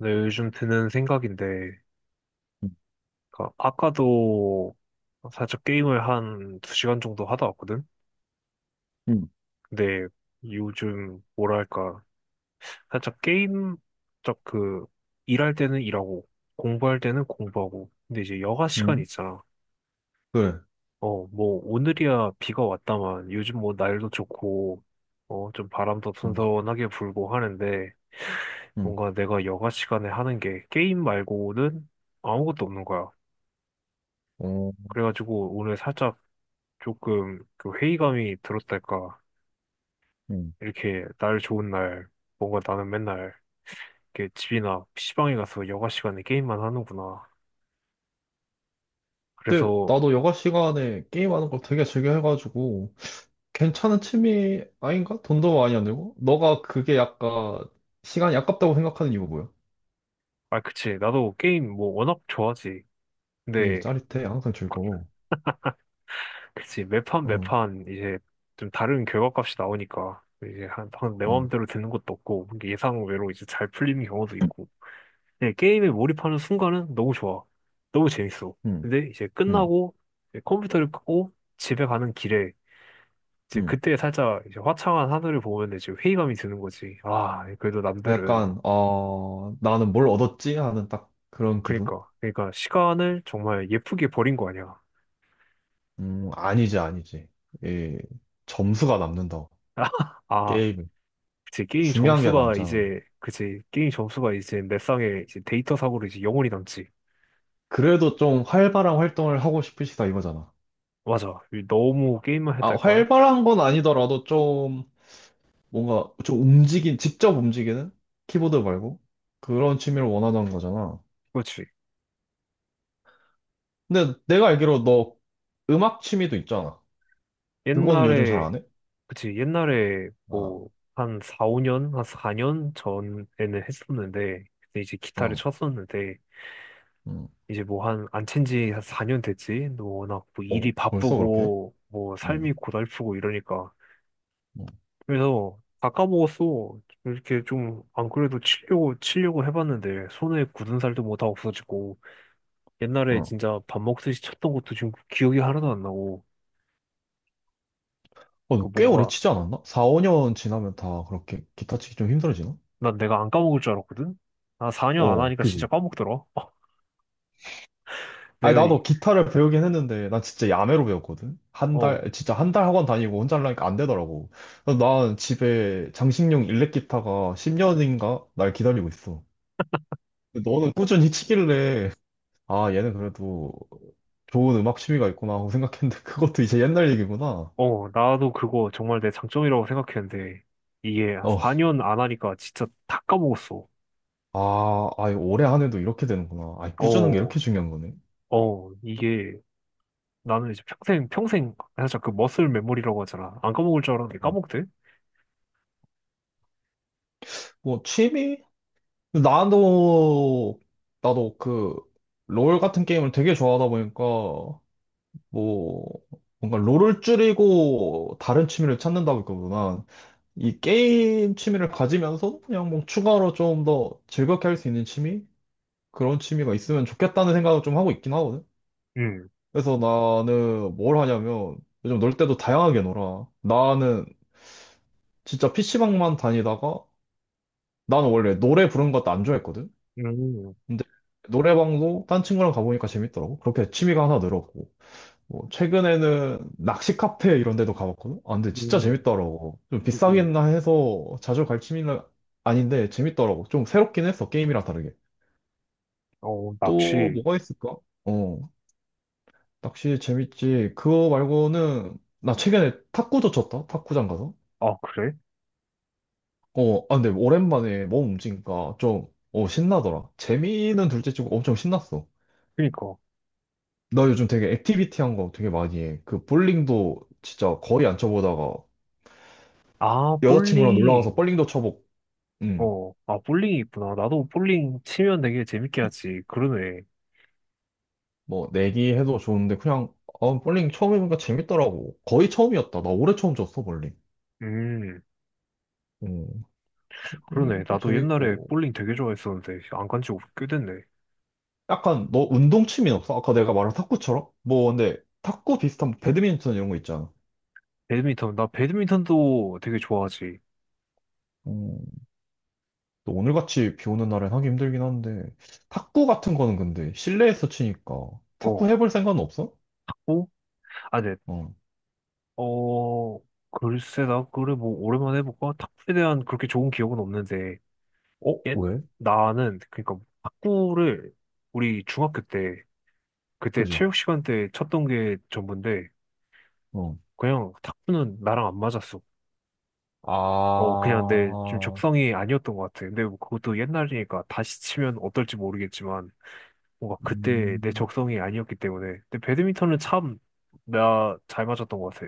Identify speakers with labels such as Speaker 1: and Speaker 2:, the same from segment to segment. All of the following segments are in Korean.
Speaker 1: 네, 요즘 드는 생각인데, 그러니까 아까도 살짝 게임을 한 2시간 정도 하다 왔거든?
Speaker 2: 응,
Speaker 1: 근데 요즘 뭐랄까, 살짝 게임, 딱 그, 일할 때는 일하고, 공부할 때는 공부하고, 근데 이제 여가 시간
Speaker 2: 응,
Speaker 1: 있잖아.
Speaker 2: 그래.
Speaker 1: 어, 뭐, 오늘이야 비가 왔다만, 요즘 뭐 날도 좋고, 어, 좀 바람도
Speaker 2: 응,
Speaker 1: 선선하게 불고 하는데,
Speaker 2: 응,
Speaker 1: 뭔가 내가 여가 시간에 하는 게 게임 말고는 아무것도 없는 거야.
Speaker 2: 어,
Speaker 1: 그래가지고 오늘 살짝 조금 그 회의감이 들었달까.
Speaker 2: 응.
Speaker 1: 이렇게 날 좋은 날, 뭔가 나는 맨날 이렇게 집이나 PC방에 가서 여가 시간에 게임만 하는구나.
Speaker 2: 근데
Speaker 1: 그래서,
Speaker 2: 나도 여가 시간에 게임하는 걸 되게 즐겨 해가지고 괜찮은 취미 아닌가? 돈도 많이 안 들고? 너가 그게 약간 시간이 아깝다고 생각하는 이유 뭐야?
Speaker 1: 아, 그치. 나도 게임 뭐 워낙 좋아하지.
Speaker 2: 그지?
Speaker 1: 근데,
Speaker 2: 짜릿해. 항상 즐거워.
Speaker 1: 그치. 매판
Speaker 2: 응,
Speaker 1: 매판 이제 좀 다른 결과값이 나오니까 이제 한, 내
Speaker 2: 응,
Speaker 1: 마음대로 되는 것도 없고 예상 외로 이제 잘 풀리는 경우도 있고. 네 게임에 몰입하는 순간은 너무 좋아. 너무 재밌어.
Speaker 2: 응,
Speaker 1: 근데 이제
Speaker 2: 응,
Speaker 1: 끝나고 이제 컴퓨터를 끄고 집에 가는 길에 이제
Speaker 2: 응.
Speaker 1: 그때 살짝 이제 화창한 하늘을 보면 이제 회의감이 드는 거지. 아, 그래도 남들은.
Speaker 2: 약간 나는 뭘 얻었지? 하는 딱 그런 기분?
Speaker 1: 그니까. 그니까 시간을 정말 예쁘게 버린 거 아니야.
Speaker 2: 아니지, 아니지. 이 점수가 남는다.
Speaker 1: 아,
Speaker 2: 게임
Speaker 1: 그치. 게임
Speaker 2: 중요한 게
Speaker 1: 점수가
Speaker 2: 남잖아.
Speaker 1: 이제, 그치. 게임 점수가 이제 내 쌍에 이제 데이터 사고로 이제 영원히 남지.
Speaker 2: 그래도 좀 활발한 활동을 하고 싶으시다 이거잖아.
Speaker 1: 맞아. 너무 게임만
Speaker 2: 아,
Speaker 1: 했달까?
Speaker 2: 활발한 건 아니더라도 좀 뭔가 좀 직접 움직이는? 키보드 말고? 그런 취미를 원하는 거잖아.
Speaker 1: 그렇지.
Speaker 2: 근데 내가 알기로 너 음악 취미도 있잖아. 그건 요즘 잘
Speaker 1: 옛날에,
Speaker 2: 안 해?
Speaker 1: 그치. 옛날에
Speaker 2: 아,
Speaker 1: 뭐, 한 4, 5년? 한 4년 전에는 했었는데, 그때 이제 기타를
Speaker 2: 응,
Speaker 1: 쳤었는데,
Speaker 2: 응.
Speaker 1: 이제 뭐 한 안 친지 4년 됐지. 너 워낙 뭐
Speaker 2: 어?
Speaker 1: 일이
Speaker 2: 벌써 그렇게?
Speaker 1: 바쁘고 뭐
Speaker 2: 응,
Speaker 1: 삶이 고달프고 이러니까.
Speaker 2: 응,
Speaker 1: 그래서 다 까먹었어. 이렇게 좀 안 그래도 치려고 치려고 해봤는데 손에 굳은 살도 뭐 다 없어지고 옛날에
Speaker 2: 응.
Speaker 1: 진짜 밥 먹듯이 쳤던 것도 지금 기억이 하나도 안 나고
Speaker 2: 어,
Speaker 1: 그
Speaker 2: 너 꽤 오래
Speaker 1: 뭔가
Speaker 2: 치지 않았나? 4, 5년 지나면 다 그렇게 기타 치기 좀 힘들어지나?
Speaker 1: 난 내가 안 까먹을 줄 알았거든. 나 4년 안
Speaker 2: 어,
Speaker 1: 하니까 진짜
Speaker 2: 그지?
Speaker 1: 까먹더라.
Speaker 2: 아니,
Speaker 1: 내가 이-
Speaker 2: 나도 기타를 배우긴 했는데, 난 진짜 야매로 배웠거든? 한
Speaker 1: 어,
Speaker 2: 달, 진짜 한 달 학원 다니고 혼자 하려니까 안 되더라고. 그래서 난 집에 장식용 일렉 기타가 10년인가? 날 기다리고 있어. 근데 너는 꾸준히 치길래, 아, 얘는 그래도 좋은 음악 취미가 있구나 하고 생각했는데, 그것도 이제 옛날 얘기구나.
Speaker 1: 어, 나도 그거 정말 내 장점이라고 생각했는데 이게
Speaker 2: 어,
Speaker 1: 4년 안 하니까 진짜 다 까먹었어.
Speaker 2: 아, 아이, 올해 한 해도 이렇게 되는구나. 아, 꾸준한 게
Speaker 1: 어,
Speaker 2: 이렇게 중요한 거네.
Speaker 1: 어, 이게 나는 이제 평생, 평생, 살짝 그 머슬 메모리라고 하잖아. 안 까먹을 줄 알았는데
Speaker 2: 음.
Speaker 1: 까먹대?
Speaker 2: 뭐, 취미? 나도, 나도 그, 롤 같은 게임을 되게 좋아하다 보니까, 뭐, 뭔가 롤을 줄이고 다른 취미를 찾는다고 했거든. 이 게임 취미를 가지면서 그냥 뭐 추가로 좀 더 즐겁게 할 수 있는 취미? 그런 취미가 있으면 좋겠다는 생각을 좀 하고 있긴 하거든.
Speaker 1: 응,
Speaker 2: 그래서 나는 뭘 하냐면 요즘 놀 때도 다양하게 놀아. 나는 진짜 PC방만 다니다가 나는 원래 노래 부르는 것도 안 좋아했거든.
Speaker 1: 음,
Speaker 2: 근데 노래방도 딴 친구랑 가보니까 재밌더라고. 그렇게 취미가 하나 늘었고. 뭐 최근에는 낚시 카페 이런 데도 가봤거든? 아, 근데 진짜
Speaker 1: 음,
Speaker 2: 재밌더라고. 좀
Speaker 1: 음.
Speaker 2: 비싸겠나 해서 자주 갈 취미는 아닌데 재밌더라고. 좀 새롭긴 했어, 게임이랑 다르게.
Speaker 1: 어,
Speaker 2: 또
Speaker 1: 낚시.
Speaker 2: 뭐가 있을까? 어, 낚시 재밌지. 그거 말고는 나 최근에 탁구도 쳤다, 탁구장 가서.
Speaker 1: 아, 그래?
Speaker 2: 어, 아, 근데 오랜만에 몸 움직이니까 좀, 어, 신나더라. 재미는 둘째치고 엄청 신났어.
Speaker 1: 그니까.
Speaker 2: 나 요즘 되게 액티비티한 거 되게 많이 해. 그 볼링도 진짜 거의 안 쳐보다가
Speaker 1: 아,
Speaker 2: 여자친구랑 놀러 가서
Speaker 1: 볼링.
Speaker 2: 볼링도 쳐보고, 응.
Speaker 1: 어, 아, 볼링이 있구나. 나도 볼링 치면 되게 재밌게 하지. 그러네.
Speaker 2: 뭐 내기해도 좋은데 그냥 아, 볼링 처음 해보니까 재밌더라고. 거의 처음이었다. 나 올해 처음 쳤어 볼링.
Speaker 1: 음,
Speaker 2: 음,
Speaker 1: 그러네.
Speaker 2: 볼링도
Speaker 1: 나도 옛날에
Speaker 2: 재밌고
Speaker 1: 볼링 되게 좋아했었는데, 안 간지 꽤 됐네.
Speaker 2: 약간 너 운동 취미 없어? 아까 내가 말한 탁구처럼? 뭐 근데 탁구 비슷한 배드민턴 이런 거 있잖아.
Speaker 1: 배드민턴, 나 배드민턴도 되게 좋아하지.
Speaker 2: 음, 또 오늘같이 비 오는 날엔 하기 힘들긴 한데 탁구 같은 거는 근데 실내에서 치니까 탁구
Speaker 1: 어,
Speaker 2: 해볼 생각은 없어?
Speaker 1: 어? 아, 네.
Speaker 2: 어,
Speaker 1: 어, 글쎄, 나, 그래, 뭐, 오랜만에 해볼까? 탁구에 대한 그렇게 좋은 기억은 없는데,
Speaker 2: 어?
Speaker 1: 예?
Speaker 2: 왜?
Speaker 1: 나는, 그니까, 탁구를, 우리 중학교 때, 그때
Speaker 2: 그지?
Speaker 1: 체육 시간 때 쳤던 게 전부인데,
Speaker 2: 어.
Speaker 1: 그냥 탁구는 나랑 안 맞았어. 어, 그냥 내 좀
Speaker 2: 아,
Speaker 1: 적성이 아니었던 것 같아. 근데 뭐 그것도 옛날이니까 다시 치면 어떨지 모르겠지만, 뭔가 그때 내
Speaker 2: 음,
Speaker 1: 적성이 아니었기 때문에. 근데 배드민턴은 참, 나 잘 맞았던 것 같아.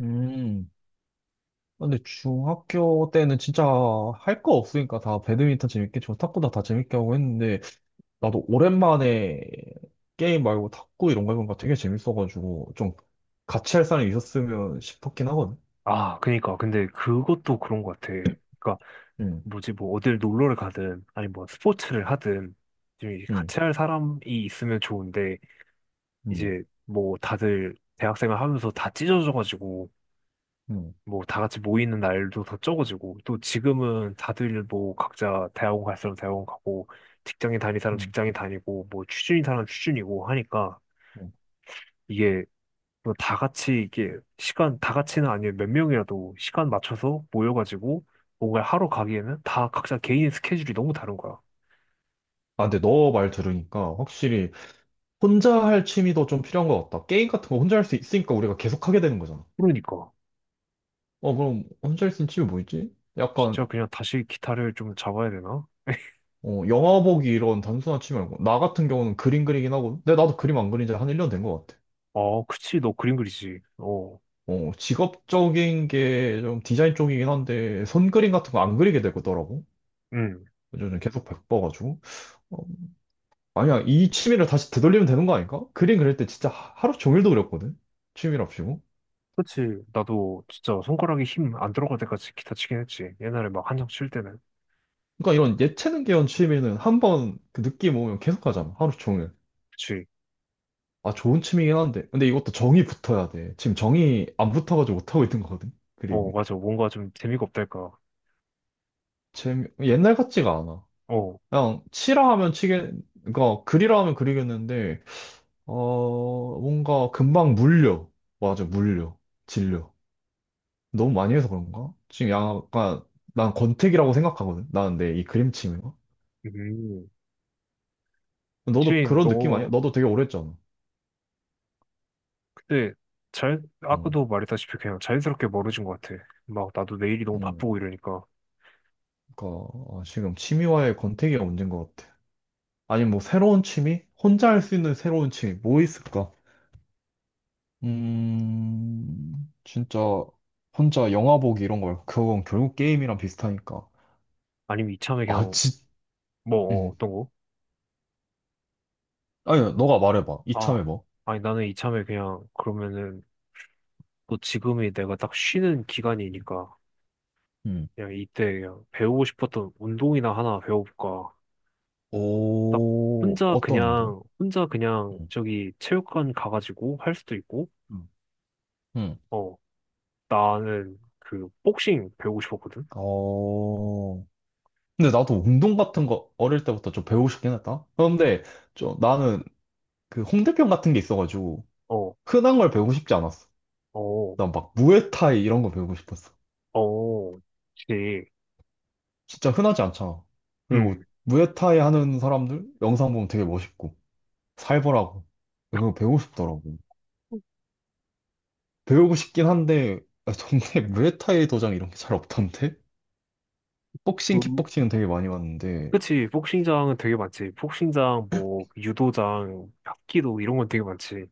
Speaker 2: 음. 근데 중학교 때는 진짜 할 거 없으니까 다 배드민턴 재밌게 치고 탁구도 다 재밌게 하고 했는데 나도 오랜만에 게임 말고 탁구 이런 거 해보니까 되게 재밌어가지고 좀 같이 할 사람이 있었으면 싶었긴 하거든.
Speaker 1: 아, 그니까. 근데 그것도 그런 것 같아. 그러니까
Speaker 2: 응,
Speaker 1: 뭐지, 뭐, 어딜 놀러를 가든, 아니, 뭐, 스포츠를 하든, 좀 이제
Speaker 2: 응,
Speaker 1: 같이 할 사람이 있으면 좋은데,
Speaker 2: 응,
Speaker 1: 이제, 뭐, 다들 대학생활 하면서 다 찢어져가지고,
Speaker 2: 응,
Speaker 1: 뭐, 다 같이 모이는 날도 더 적어지고, 또 지금은 다들 뭐, 각자 대학원 갈 사람 대학원 가고, 직장인 다닐 사람
Speaker 2: 응.
Speaker 1: 직장인 다니고, 뭐, 취준인 사람 취준이고 하니까,
Speaker 2: 응.
Speaker 1: 이게, 뭐다 같이, 이게, 시간, 다 같이는 아니에요. 몇 명이라도 시간 맞춰서 모여가지고, 뭔가 하러 가기에는 다 각자 개인 스케줄이 너무 다른 거야.
Speaker 2: 아, 근데 너 말 들으니까 확실히 혼자 할 취미도 좀 필요한 것 같다. 게임 같은 거 혼자 할 수 있으니까 우리가 계속 하게 되는 거잖아.
Speaker 1: 그러니까.
Speaker 2: 어, 그럼 혼자 할 수 있는 취미 뭐 있지?
Speaker 1: 진짜
Speaker 2: 약간
Speaker 1: 그냥 다시 기타를 좀 잡아야 되나?
Speaker 2: 어, 영화 보기 이런 단순한 취미 말고. 나 같은 경우는 그림 그리긴 하고. 근데 나도 그림 안 그린 지 한 1년 된 것 같아.
Speaker 1: 어, 그치, 너 그림 그리지. 어,
Speaker 2: 어, 직업적인 게 좀 디자인 쪽이긴 한데, 손그림 같은 거 안 그리게 되더라고.
Speaker 1: 응,
Speaker 2: 요즘 계속 바빠가지고. 어, 아니야, 이 취미를 다시 되돌리면 되는 거 아닐까? 그림 그릴 때 진짜 하루 종일도 그렸거든? 취미랍시고.
Speaker 1: 그치. 나도 진짜 손가락에 힘 안 들어갈 때까지 기타 치긴 했지. 옛날에 막 한창 칠 때는.
Speaker 2: 그러니까 이런 예체능계열 취미는 한 번 그 느낌 오면 계속 하잖아. 하루 종일.
Speaker 1: 그치.
Speaker 2: 아, 좋은 취미긴 한데. 근데 이것도 정이 붙어야 돼. 지금 정이 안 붙어가지고 못하고 있는 거거든.
Speaker 1: 어,
Speaker 2: 그림이.
Speaker 1: 맞아. 뭔가 좀 재미가 없달까.
Speaker 2: 재미, 옛날 같지가 않아.
Speaker 1: 어,
Speaker 2: 그냥 치라 하면 치겠, 그러니까 그리라 하면 그리겠는데, 어, 뭔가 금방 물려. 맞아, 물려. 질려. 너무 많이 해서 그런가? 지금 약간, 난 권태기라고 생각하거든. 나는 내 이 그림 취미가.
Speaker 1: 음.
Speaker 2: 너도
Speaker 1: 그치,
Speaker 2: 그런 느낌 아니야?
Speaker 1: 너
Speaker 2: 너도 되게 오래 했잖아.
Speaker 1: 그때 잘,
Speaker 2: 응,
Speaker 1: 아까도 말했다시피 그냥 자연스럽게 멀어진 것 같아. 막 나도 내일이 너무
Speaker 2: 응.
Speaker 1: 바쁘고 이러니까.
Speaker 2: 그러니까, 아, 지금 취미와의 권태기가 문제인 것 같아. 아니, 뭐, 새로운 취미? 혼자 할 수 있는 새로운 취미, 뭐 있을까? 진짜 혼자 영화 보기 이런 거 말고 그건 결국 게임이랑 비슷하니까.
Speaker 1: 아니면 이참에
Speaker 2: 아,
Speaker 1: 그냥,
Speaker 2: 지,
Speaker 1: 뭐, 어,
Speaker 2: 음.
Speaker 1: 어떤 거?
Speaker 2: 아니, 너가 말해봐.
Speaker 1: 아,
Speaker 2: 이참에 뭐.
Speaker 1: 아니 나는 이참에 그냥 그러면은 또 지금이 내가 딱 쉬는 기간이니까
Speaker 2: 음.
Speaker 1: 그냥 이때 그냥 배우고 싶었던 운동이나 하나 배워볼까. 딱
Speaker 2: 오,
Speaker 1: 혼자
Speaker 2: 어떤 운동?
Speaker 1: 그냥, 혼자 그냥
Speaker 2: 음.
Speaker 1: 저기 체육관 가가지고 할 수도 있고,
Speaker 2: 음. 음.
Speaker 1: 어, 나는 그 복싱 배우고 싶었거든?
Speaker 2: 어. 근데 나도 운동 같은 거 어릴 때부터 좀 배우고 싶긴 했다. 그런데 좀 나는 그 홍대병 같은 게 있어가지고
Speaker 1: 어,
Speaker 2: 흔한 걸 배우고 싶지 않았어.
Speaker 1: 어,
Speaker 2: 난 막 무에타이 이런 거 배우고 싶었어.
Speaker 1: 어, 그치.
Speaker 2: 진짜 흔하지 않잖아. 그리고
Speaker 1: 음.
Speaker 2: 무에타이 하는 사람들 영상 보면 되게 멋있고 살벌하고 그거 배우고 싶더라고. 배우고 싶긴 한데 아, 동네 무에타이 도장 이런 게 잘 없던데? 복싱,
Speaker 1: 그,
Speaker 2: 킥복싱은 되게 많이 봤는데
Speaker 1: 그치. 복싱장은 되게 많지. 복싱장, 뭐, 유도장, 합기도 이런 건 되게 많지.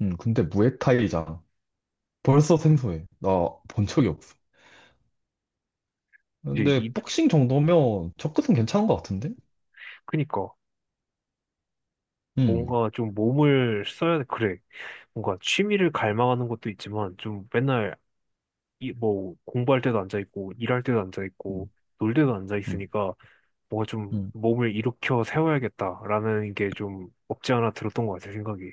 Speaker 2: 근데 무에타이잖아. 벌써 생소해. 나 본 적이 없어.
Speaker 1: 그치, 이,
Speaker 2: 근데 복싱 정도면 접근은 괜찮은 것 같은데?
Speaker 1: 그니까.
Speaker 2: 음,
Speaker 1: 뭔가 좀 몸을 써야, 그래. 뭔가 취미를 갈망하는 것도 있지만 좀 맨날 이, 뭐, 공부할 때도 앉아있고, 일할 때도 앉아있고,
Speaker 2: 음,
Speaker 1: 놀 때도
Speaker 2: 음,
Speaker 1: 앉아있으니까, 뭔가 좀
Speaker 2: 음.
Speaker 1: 몸을 일으켜 세워야겠다라는 게 좀 없지 않아 들었던 것 같아, 생각이.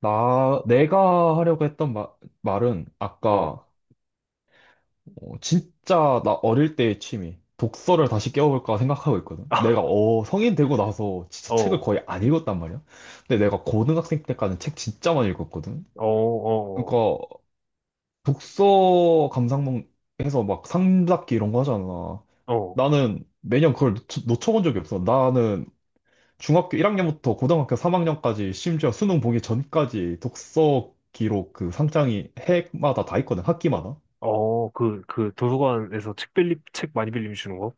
Speaker 2: 내가 하려고 했던 말은
Speaker 1: 어,
Speaker 2: 아까 어, 진짜 나 어릴 때의 취미. 독서를 다시 깨워볼까 생각하고 있거든. 내가 어, 성인 되고 나서 진짜
Speaker 1: 아,
Speaker 2: 책을
Speaker 1: 어,
Speaker 2: 거의 안 읽었단 말이야. 근데 내가 고등학생 때까지는 책 진짜 많이 읽었거든.
Speaker 1: 어, 어,
Speaker 2: 그러니까 독서 감상문에서 막 상잡기 이런 거 하잖아.
Speaker 1: 어,
Speaker 2: 나는 매년 그걸 놓쳐, 본 적이 없어. 나는 중학교 1학년부터 고등학교 3학년까지 심지어 수능 보기 전까지 독서 기록 그 상장이 해마다 다 있거든. 학기마다.
Speaker 1: 어, 그, 그, 도서관에서 책 많이 빌리면 주는 거?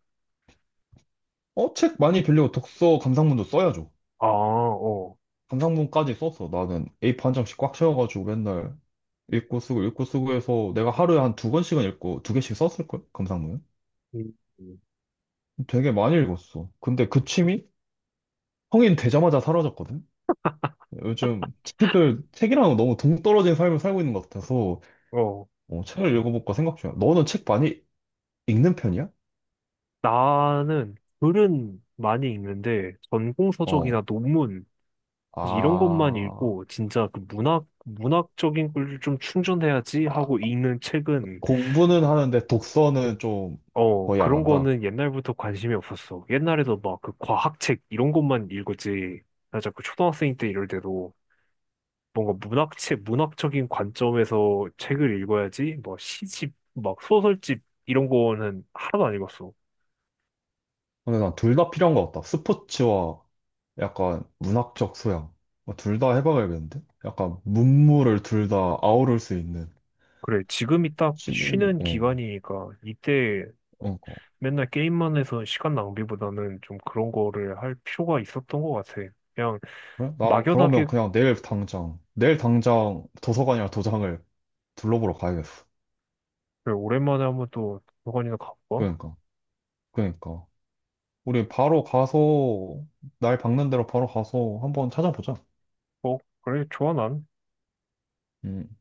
Speaker 2: 어, 책 많이 빌리고 독서 감상문도 써야죠.
Speaker 1: 아, 어,
Speaker 2: 감상문까지 썼어. 나는 A4 한 장씩 꽉 채워가지고 맨날 읽고 쓰고 읽고 쓰고 해서 내가 하루에 한 두 권씩은 읽고 두 개씩 썼을걸? 감상문은?
Speaker 1: 음, 음.
Speaker 2: 되게 많이 읽었어. 근데 그 취미? 성인 되자마자 사라졌거든? 요즘 책이랑 너무 동떨어진 삶을 살고 있는 것 같아서
Speaker 1: 어.
Speaker 2: 어, 책을 읽어볼까 생각 중이야. 너는 책 많이 읽는 편이야?
Speaker 1: 나는 글은 많이 읽는데, 전공서적이나
Speaker 2: 어.
Speaker 1: 논문, 이제 이런 것만
Speaker 2: 아,
Speaker 1: 읽고 진짜 그 문학적인 걸 좀 충전해야지 하고
Speaker 2: 아,
Speaker 1: 읽는 책은
Speaker 2: 공부는 하는데 독서는 좀
Speaker 1: 어
Speaker 2: 거의 안
Speaker 1: 그런
Speaker 2: 한다.
Speaker 1: 거는 옛날부터 관심이 없었어. 옛날에도 막 그 과학책 이런 것만 읽었지. 나 자꾸 초등학생 때 이럴 때도 뭔가 문학책 문학적인 관점에서 책을 읽어야지 뭐 시집 막 소설집 이런 거는 하나도 안 읽었어.
Speaker 2: 근데 난 둘 다 필요한 것 같다. 스포츠와 약간 문학적 소양. 뭐 둘다 해봐야겠는데? 약간 문물을 둘 다 아우를 수 있는
Speaker 1: 그래 지금이 딱
Speaker 2: 취미로.
Speaker 1: 쉬는
Speaker 2: 어,
Speaker 1: 기간이니까 이때
Speaker 2: 어, 어.
Speaker 1: 맨날 게임만 해서 시간 낭비보다는 좀 그런 거를 할 필요가 있었던 것 같아. 그냥
Speaker 2: 그래? 난 그러면
Speaker 1: 막연하게
Speaker 2: 그냥 내일 당장 도서관이나 도장을 둘러보러 가야겠어.
Speaker 1: 그래, 오랜만에 한번 또 도서관이나 가볼까?
Speaker 2: 그러니까, 그러니까. 우리 바로 가서, 날 박는 대로 바로 가서 한번 찾아보자.
Speaker 1: 어, 그래, 좋아, 난.
Speaker 2: 음.